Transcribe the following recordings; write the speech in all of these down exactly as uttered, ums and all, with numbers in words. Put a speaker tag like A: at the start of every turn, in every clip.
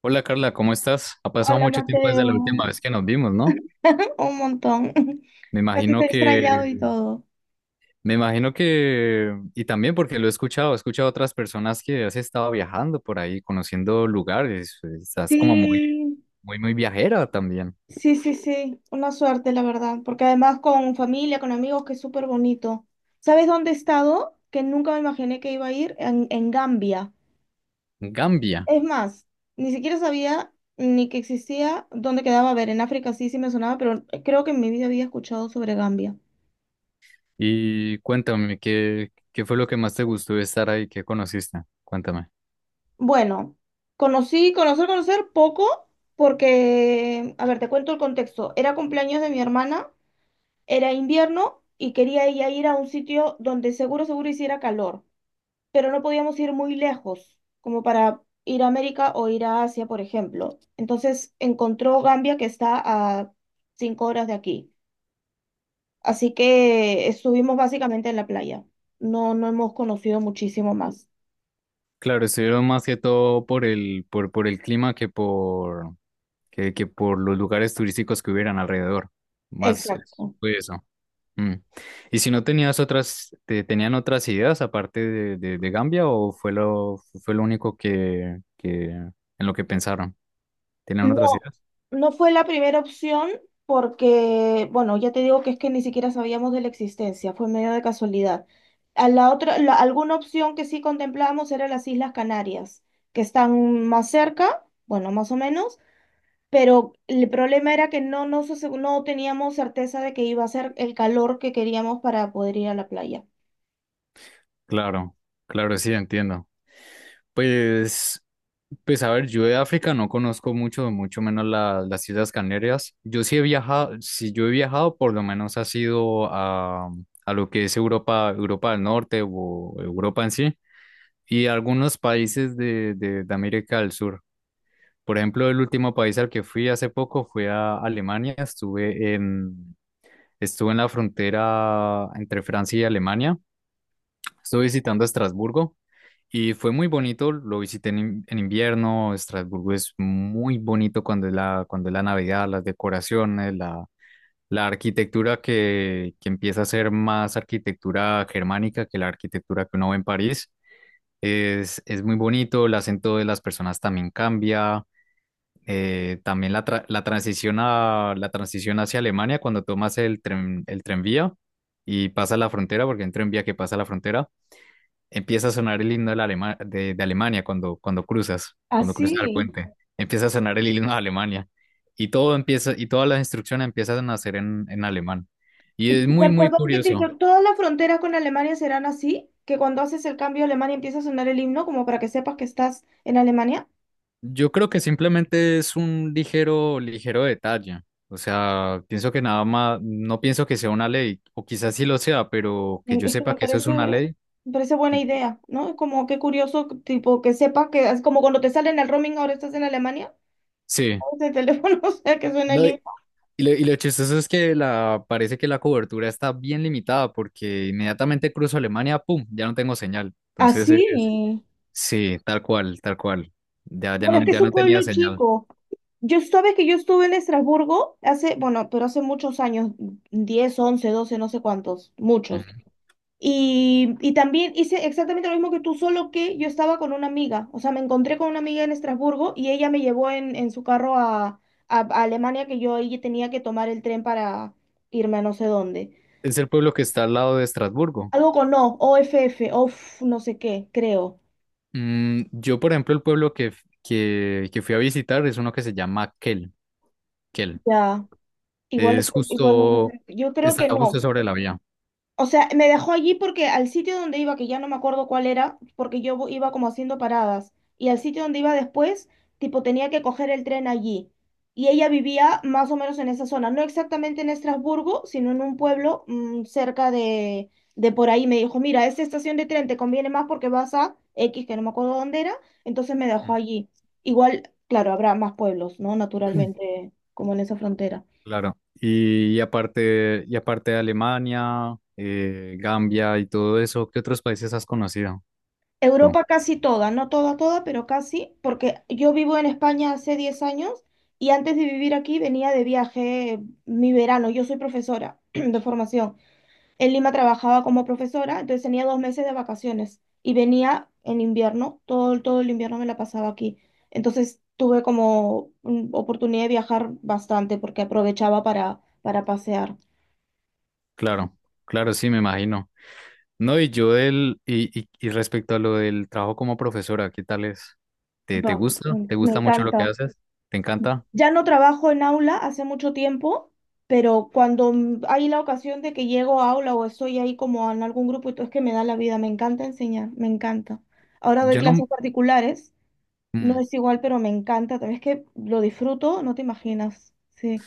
A: Hola Carla, ¿cómo estás? Ha pasado
B: Hola
A: mucho tiempo
B: Mateo,
A: desde la última vez que nos vimos, ¿no?
B: un montón.
A: Me
B: Así te
A: imagino
B: he
A: que,
B: extrañado y todo.
A: me imagino que, y también porque lo he escuchado, he escuchado a otras personas que has estado viajando por ahí, conociendo lugares, estás como muy,
B: Sí,
A: muy, muy viajera también,
B: sí, sí, sí, una suerte, la verdad, porque además con familia, con amigos, que es súper bonito. ¿Sabes dónde he estado? Que nunca me imaginé que iba a ir en, en Gambia.
A: Gambia.
B: Es más, ni siquiera sabía ni que existía dónde quedaba. A ver, en África sí, sí me sonaba, pero creo que en mi vida había escuchado sobre Gambia.
A: Y cuéntame, ¿qué, qué fue lo que más te gustó de estar ahí? ¿Qué conociste? Cuéntame.
B: Bueno, conocí, conocer, conocer poco, porque, a ver, te cuento el contexto. Era cumpleaños de mi hermana, era invierno y quería ella ir a un sitio donde seguro, seguro hiciera calor, pero no podíamos ir muy lejos, como para ir a América o ir a Asia, por ejemplo. Entonces encontró Gambia, que está a cinco horas de aquí. Así que estuvimos básicamente en la playa. No, no hemos conocido muchísimo más.
A: Claro, estuvieron más que todo por el, por, por el clima que por, que, que por los lugares turísticos que hubieran alrededor. Más eh,
B: Exacto.
A: fue eso. Mm. ¿Y si no tenías otras, te, tenían otras ideas aparte de, de- de Gambia o fue lo, fue lo único que, que- en lo que pensaron? ¿Tenían
B: No,
A: otras ideas?
B: no fue la primera opción porque, bueno, ya te digo que es que ni siquiera sabíamos de la existencia, fue medio de casualidad. A la otra, la- alguna opción que sí contemplábamos era las Islas Canarias, que están más cerca, bueno, más o menos, pero el problema era que no, nos ase- no teníamos certeza de que iba a ser el calor que queríamos para poder ir a la playa.
A: Claro, claro, sí, entiendo. Pues, pues a ver, yo de África no conozco mucho, mucho menos la- las Islas Canarias. Yo sí he viajado, si yo he viajado, por lo menos ha sido a, a lo que es Europa, Europa del Norte o Europa en sí, y algunos países de, de de América del Sur. Por ejemplo, el último país al que fui hace poco fue a Alemania. Estuve en, estuve en la frontera entre Francia y Alemania. Estuve visitando Estrasburgo y fue muy bonito. Lo visité en, in- en invierno. Estrasburgo es muy bonito cuando es la, cuando es la Navidad, las decoraciones, la, la arquitectura que, que empieza a ser más arquitectura germánica que la arquitectura que uno ve en París. Es, es muy bonito, el acento de las personas también cambia, eh, también la, tra- la transición a, la transición hacia Alemania cuando tomas el tren, el tranvía y pasa la frontera, porque hay un tranvía que pasa la frontera, empieza a sonar el himno de, la Alema- de, de Alemania cuando, cuando cruzas, cuando cruzas el
B: Así.
A: puente, empieza a sonar el himno de Alemania y todo empieza, y todas las instrucciones empiezan a hacer en, en alemán. Y es muy,
B: Per-
A: muy
B: Perdón que te
A: curioso.
B: inter- todas las fronteras con Alemania serán así, que cuando haces el cambio a Alemania empieza a sonar el himno como para que sepas que estás en Alemania.
A: Yo creo que simplemente es un ligero, ligero detalle. O sea, pienso que nada más, no pienso que sea una ley, o quizás sí lo sea, pero que
B: En-
A: yo
B: Es que
A: sepa
B: me
A: que eso es
B: parece,
A: una ley.
B: me parece buena
A: Y-
B: idea, ¿no? Es como qué curioso, tipo, que sepas que es como cuando te sale en el roaming, ahora estás en Alemania,
A: Sí.
B: de teléfono, o sea, que suena el
A: No,
B: himno.
A: y, y lo, y lo chistoso es que la, parece que la cobertura está bien limitada porque inmediatamente cruzo Alemania, ¡pum! Ya no tengo señal. Entonces es,
B: Así.
A: sí, tal cual, tal cual. Ya, ya
B: Bueno, es
A: no,
B: que es
A: ya
B: un
A: no tenía
B: pueblo
A: señal.
B: chico. Yo sabes que yo estuve en Estrasburgo hace, bueno, pero hace muchos años, diez once doce no sé cuántos, muchos.
A: Ujú.
B: Y, y también hice exactamente lo mismo que tú, solo que yo estaba con una amiga. O sea, me encontré con una amiga en Estrasburgo y ella me llevó en, en su carro a, a- a Alemania, que yo ahí tenía que tomar el tren para irme a no sé dónde.
A: Es el pueblo que está al lado de Estrasburgo.
B: Algo con O, O F OFF, OFF, no sé qué, creo.
A: Mm, yo, por ejemplo, el pueblo que, f- que, que fui a visitar es uno que se llama Kel, Kel.
B: Ya, igual,
A: Es
B: igual no sé,
A: justo,
B: pero yo creo
A: está
B: que
A: justo
B: no.
A: sobre la vía.
B: O sea, me dejó allí porque al sitio donde iba, que ya no me acuerdo cuál era, porque yo vo- iba como haciendo paradas, y al sitio donde iba después, tipo, tenía que coger el tren allí. Y ella vivía más o menos en esa zona, no exactamente en Estrasburgo, sino en un pueblo mm, cerca de, de por ahí. Me dijo, mira, esta estación de tren te conviene más porque vas a X, que no me acuerdo dónde era, entonces me dejó
A: Mm.
B: allí. Igual, claro, habrá más pueblos, ¿no? Naturalmente, como en esa frontera.
A: Claro. Y, y aparte, y aparte de Alemania, eh, Gambia y todo eso, ¿qué otros países has conocido tú?
B: Europa casi toda, no toda, toda, pero casi, porque yo vivo en España hace diez años y antes de vivir aquí venía de viaje eh, mi verano. Yo soy profesora de formación. En Lima trabajaba como profesora, entonces tenía dos meses de vacaciones y venía en invierno, todo, todo el invierno me la pasaba aquí. Entonces tuve como mm, oportunidad de viajar bastante porque aprovechaba para, para pasear.
A: Claro, claro, sí, me imagino. No, y yo del, y, y, y respecto a lo del trabajo como profesora, ¿qué tal es? ¿Te,
B: Va,
A: ¿te gusta?
B: me,
A: ¿Te
B: me
A: gusta mucho lo
B: encanta.
A: que haces? ¿Te encanta?
B: Ya no trabajo en aula hace mucho tiempo, pero cuando mm, hay la ocasión de que llego a aula o estoy ahí como en algún grupo, y todo es que me da la vida, me encanta enseñar, me encanta. Ahora doy
A: Yo no,
B: clases particulares, no
A: mm,
B: es igual, pero me encanta, también es que lo disfruto, no te imaginas. Sí.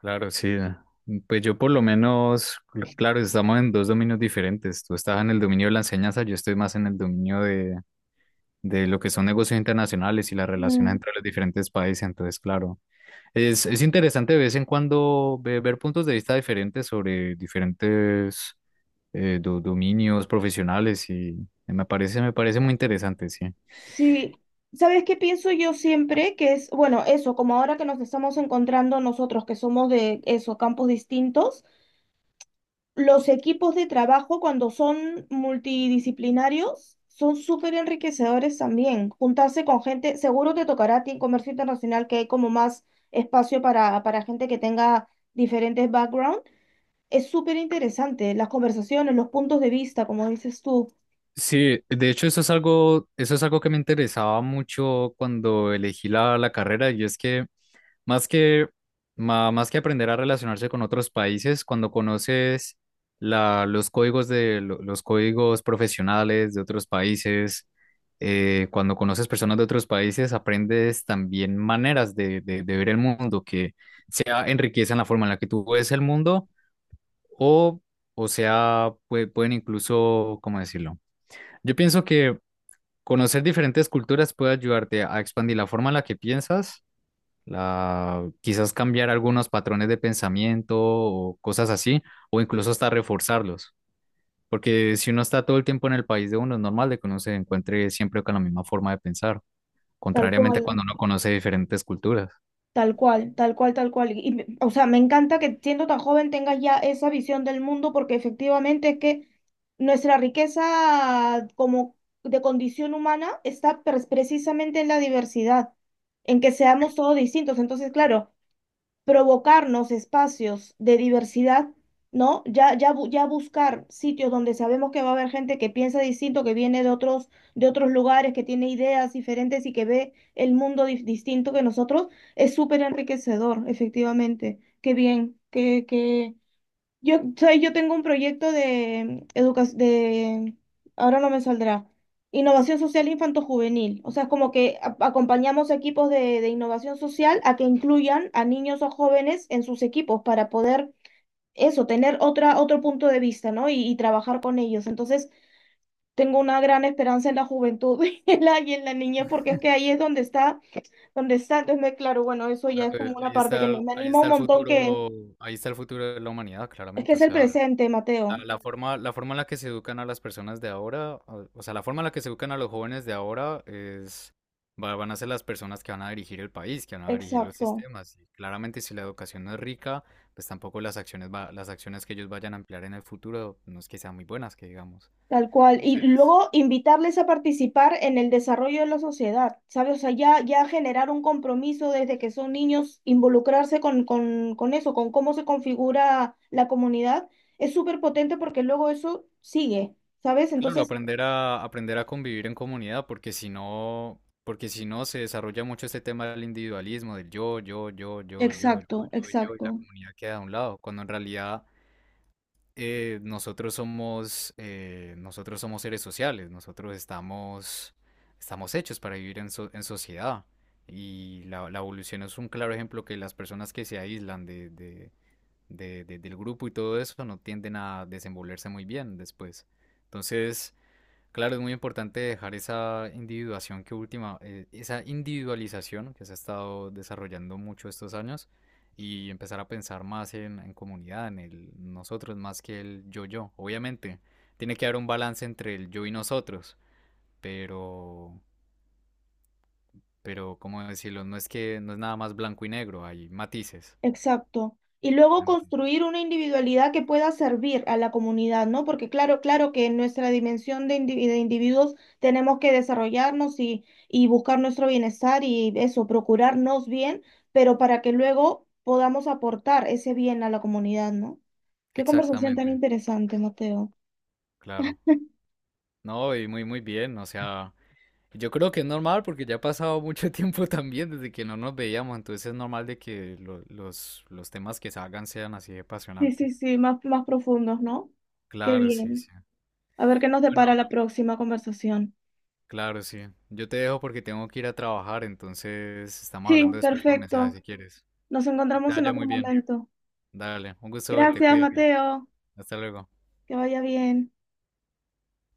A: claro, sí. Ah. Pues yo por lo menos, cl- claro, estamos en dos dominios diferentes. Tú estás en el dominio de la enseñanza, yo estoy más en el dominio de, de lo que son negocios internacionales y las relaciones
B: Mm,
A: entre los diferentes países. Entonces, claro, es, es interesante de vez en cuando ve- ver, puntos de vista diferentes sobre diferentes eh, do- dominios profesionales y me parece, me parece muy interesante, sí.
B: sí, ¿sabes qué pienso yo siempre? Que es, bueno, eso, como ahora que nos estamos encontrando nosotros, que somos de eso, campos distintos. Los equipos de trabajo, cuando son multidisciplinarios, son súper enriquecedores también. Juntarse con gente, seguro te tocará a ti en comercio internacional, que hay como más espacio para, para gente que tenga diferentes backgrounds. Es súper interesante, las conversaciones, los puntos de vista, como dices tú,
A: Sí, de hecho eso es algo, eso es algo que me interesaba mucho cuando elegí la, la carrera y es que más que, ma- más que aprender a relacionarse con otros países, cuando conoces la, los códigos de lo- los códigos profesionales de otros países, eh, cuando conoces personas de otros países, aprendes también maneras de, de, de ver el mundo que sea enriquecen la forma en la que tú ves el mundo o, o sea, pue- pueden incluso, ¿cómo decirlo? Yo pienso que conocer diferentes culturas puede ayudarte a expandir la forma en la que piensas la, quizás cambiar algunos patrones de pensamiento o cosas así, o incluso hasta reforzarlos. Porque si uno está todo el tiempo en el país de uno, es normal de que uno se encuentre siempre con la misma forma de pensar,
B: tal
A: contrariamente a
B: cual.
A: cuando uno conoce diferentes culturas.
B: Tal cual, tal cual, tal cual. Y, me- o sea, me encanta que siendo tan joven tengas ya esa visión del mundo porque efectivamente es que nuestra riqueza como de condición humana está pre- precisamente en la diversidad, en que seamos todos distintos. Entonces, claro, provocarnos espacios de diversidad, ¿no? Ya, ya, bu- ya buscar sitios donde sabemos que va a haber gente que piensa distinto, que viene de otros, de otros lugares, que tiene ideas diferentes y que ve el mundo dif- distinto que nosotros, es súper enriquecedor, efectivamente. Qué bien, qué, qué, yo, ¿sabes? Yo tengo un proyecto de educación, de, ahora no me saldrá, innovación social infanto-juvenil. O sea, es como que a- acompañamos equipos de, de innovación social a que incluyan a niños o jóvenes en sus equipos para poder eso, tener otra, otro punto de vista, ¿no? Y, y trabajar con ellos. Entonces, tengo una gran esperanza en la juventud y en la, y en la niñez, porque es que ahí es donde está, donde está. Entonces, me, claro, bueno, eso ya
A: Claro,
B: es
A: eh,
B: como una
A: ahí
B: parte
A: está,
B: que me,
A: el-
B: me
A: ahí
B: anima
A: está
B: un
A: el
B: montón que
A: futuro, ahí está el futuro de la humanidad,
B: es que
A: claramente. O
B: es el
A: sea,
B: presente,
A: La,
B: Mateo.
A: la forma, la forma en la que se educan a las personas de ahora, o o sea, la forma en la que se educan a los jóvenes de ahora es, va- van a ser las personas que van a dirigir el país, que van a dirigir los
B: Exacto.
A: sistemas. Y claramente, si la educación no es rica, pues tampoco las acciones, va- las acciones que ellos vayan a emplear en el futuro no es que sean muy buenas, que digamos.
B: Tal cual. Y
A: Entonces,
B: luego invitarles a participar en el desarrollo de la sociedad, ¿sabes? O sea, ya, ya generar un compromiso desde que son niños, involucrarse con, con, con eso, con cómo se configura la comunidad, es súper potente porque luego eso sigue, ¿sabes?
A: claro,
B: Entonces,
A: aprender a, aprender a convivir en comunidad, porque si no, porque si no se desarrolla mucho este tema del individualismo, del yo, yo, yo, yo, yo, yo,
B: exacto, exacto.
A: yo, yo, y la comunidad queda a un lado, cuando en realidad eh, nosotros somos, eh, nosotros somos seres sociales, nosotros estamos, estamos hechos para vivir en, so- en sociedad. Y la, la evolución es un claro ejemplo que las personas que se aíslan de, de- de- de- del grupo y todo eso no tienden a desenvolverse muy bien después. Entonces, claro, es muy importante dejar esa individuación que última, eh, esa individualización que se ha estado desarrollando mucho estos años y empezar a pensar más en, en comunidad, en el nosotros más que el yo-yo. Obviamente, tiene que haber un balance entre el yo y nosotros, pero, pero, ¿cómo decirlo? No es que no es nada más blanco y negro, hay matices.
B: Exacto. Y luego
A: Hay matices.
B: construir una individualidad que pueda servir a la comunidad, ¿no? Porque claro, claro que en nuestra dimensión de, indivi- de individuos tenemos que desarrollarnos y, y buscar nuestro bienestar y eso, procurarnos bien, pero para que luego podamos aportar ese bien a la comunidad, ¿no? Qué conversación tan
A: Exactamente,
B: interesante, Mateo.
A: claro. No, y muy, muy bien, o sea. Yo creo que es normal porque ya ha pasado mucho tiempo también desde que no nos veíamos, entonces es normal de que lo- los, los temas que salgan sean así de
B: Sí, sí,
A: apasionantes.
B: sí, más, más profundos, ¿no? Qué
A: Claro, sí, sí.
B: bien. A ver qué nos depara la
A: Bueno,
B: próxima conversación.
A: claro, sí. Yo te dejo porque tengo que ir a trabajar, entonces estamos
B: Sí,
A: hablando después por mensaje
B: perfecto.
A: si quieres.
B: Nos
A: Que te
B: encontramos en
A: vaya
B: otro
A: muy bien.
B: momento.
A: Dale, un gusto verte,
B: Gracias,
A: cuídate.
B: Mateo.
A: Hasta luego.
B: Que vaya bien.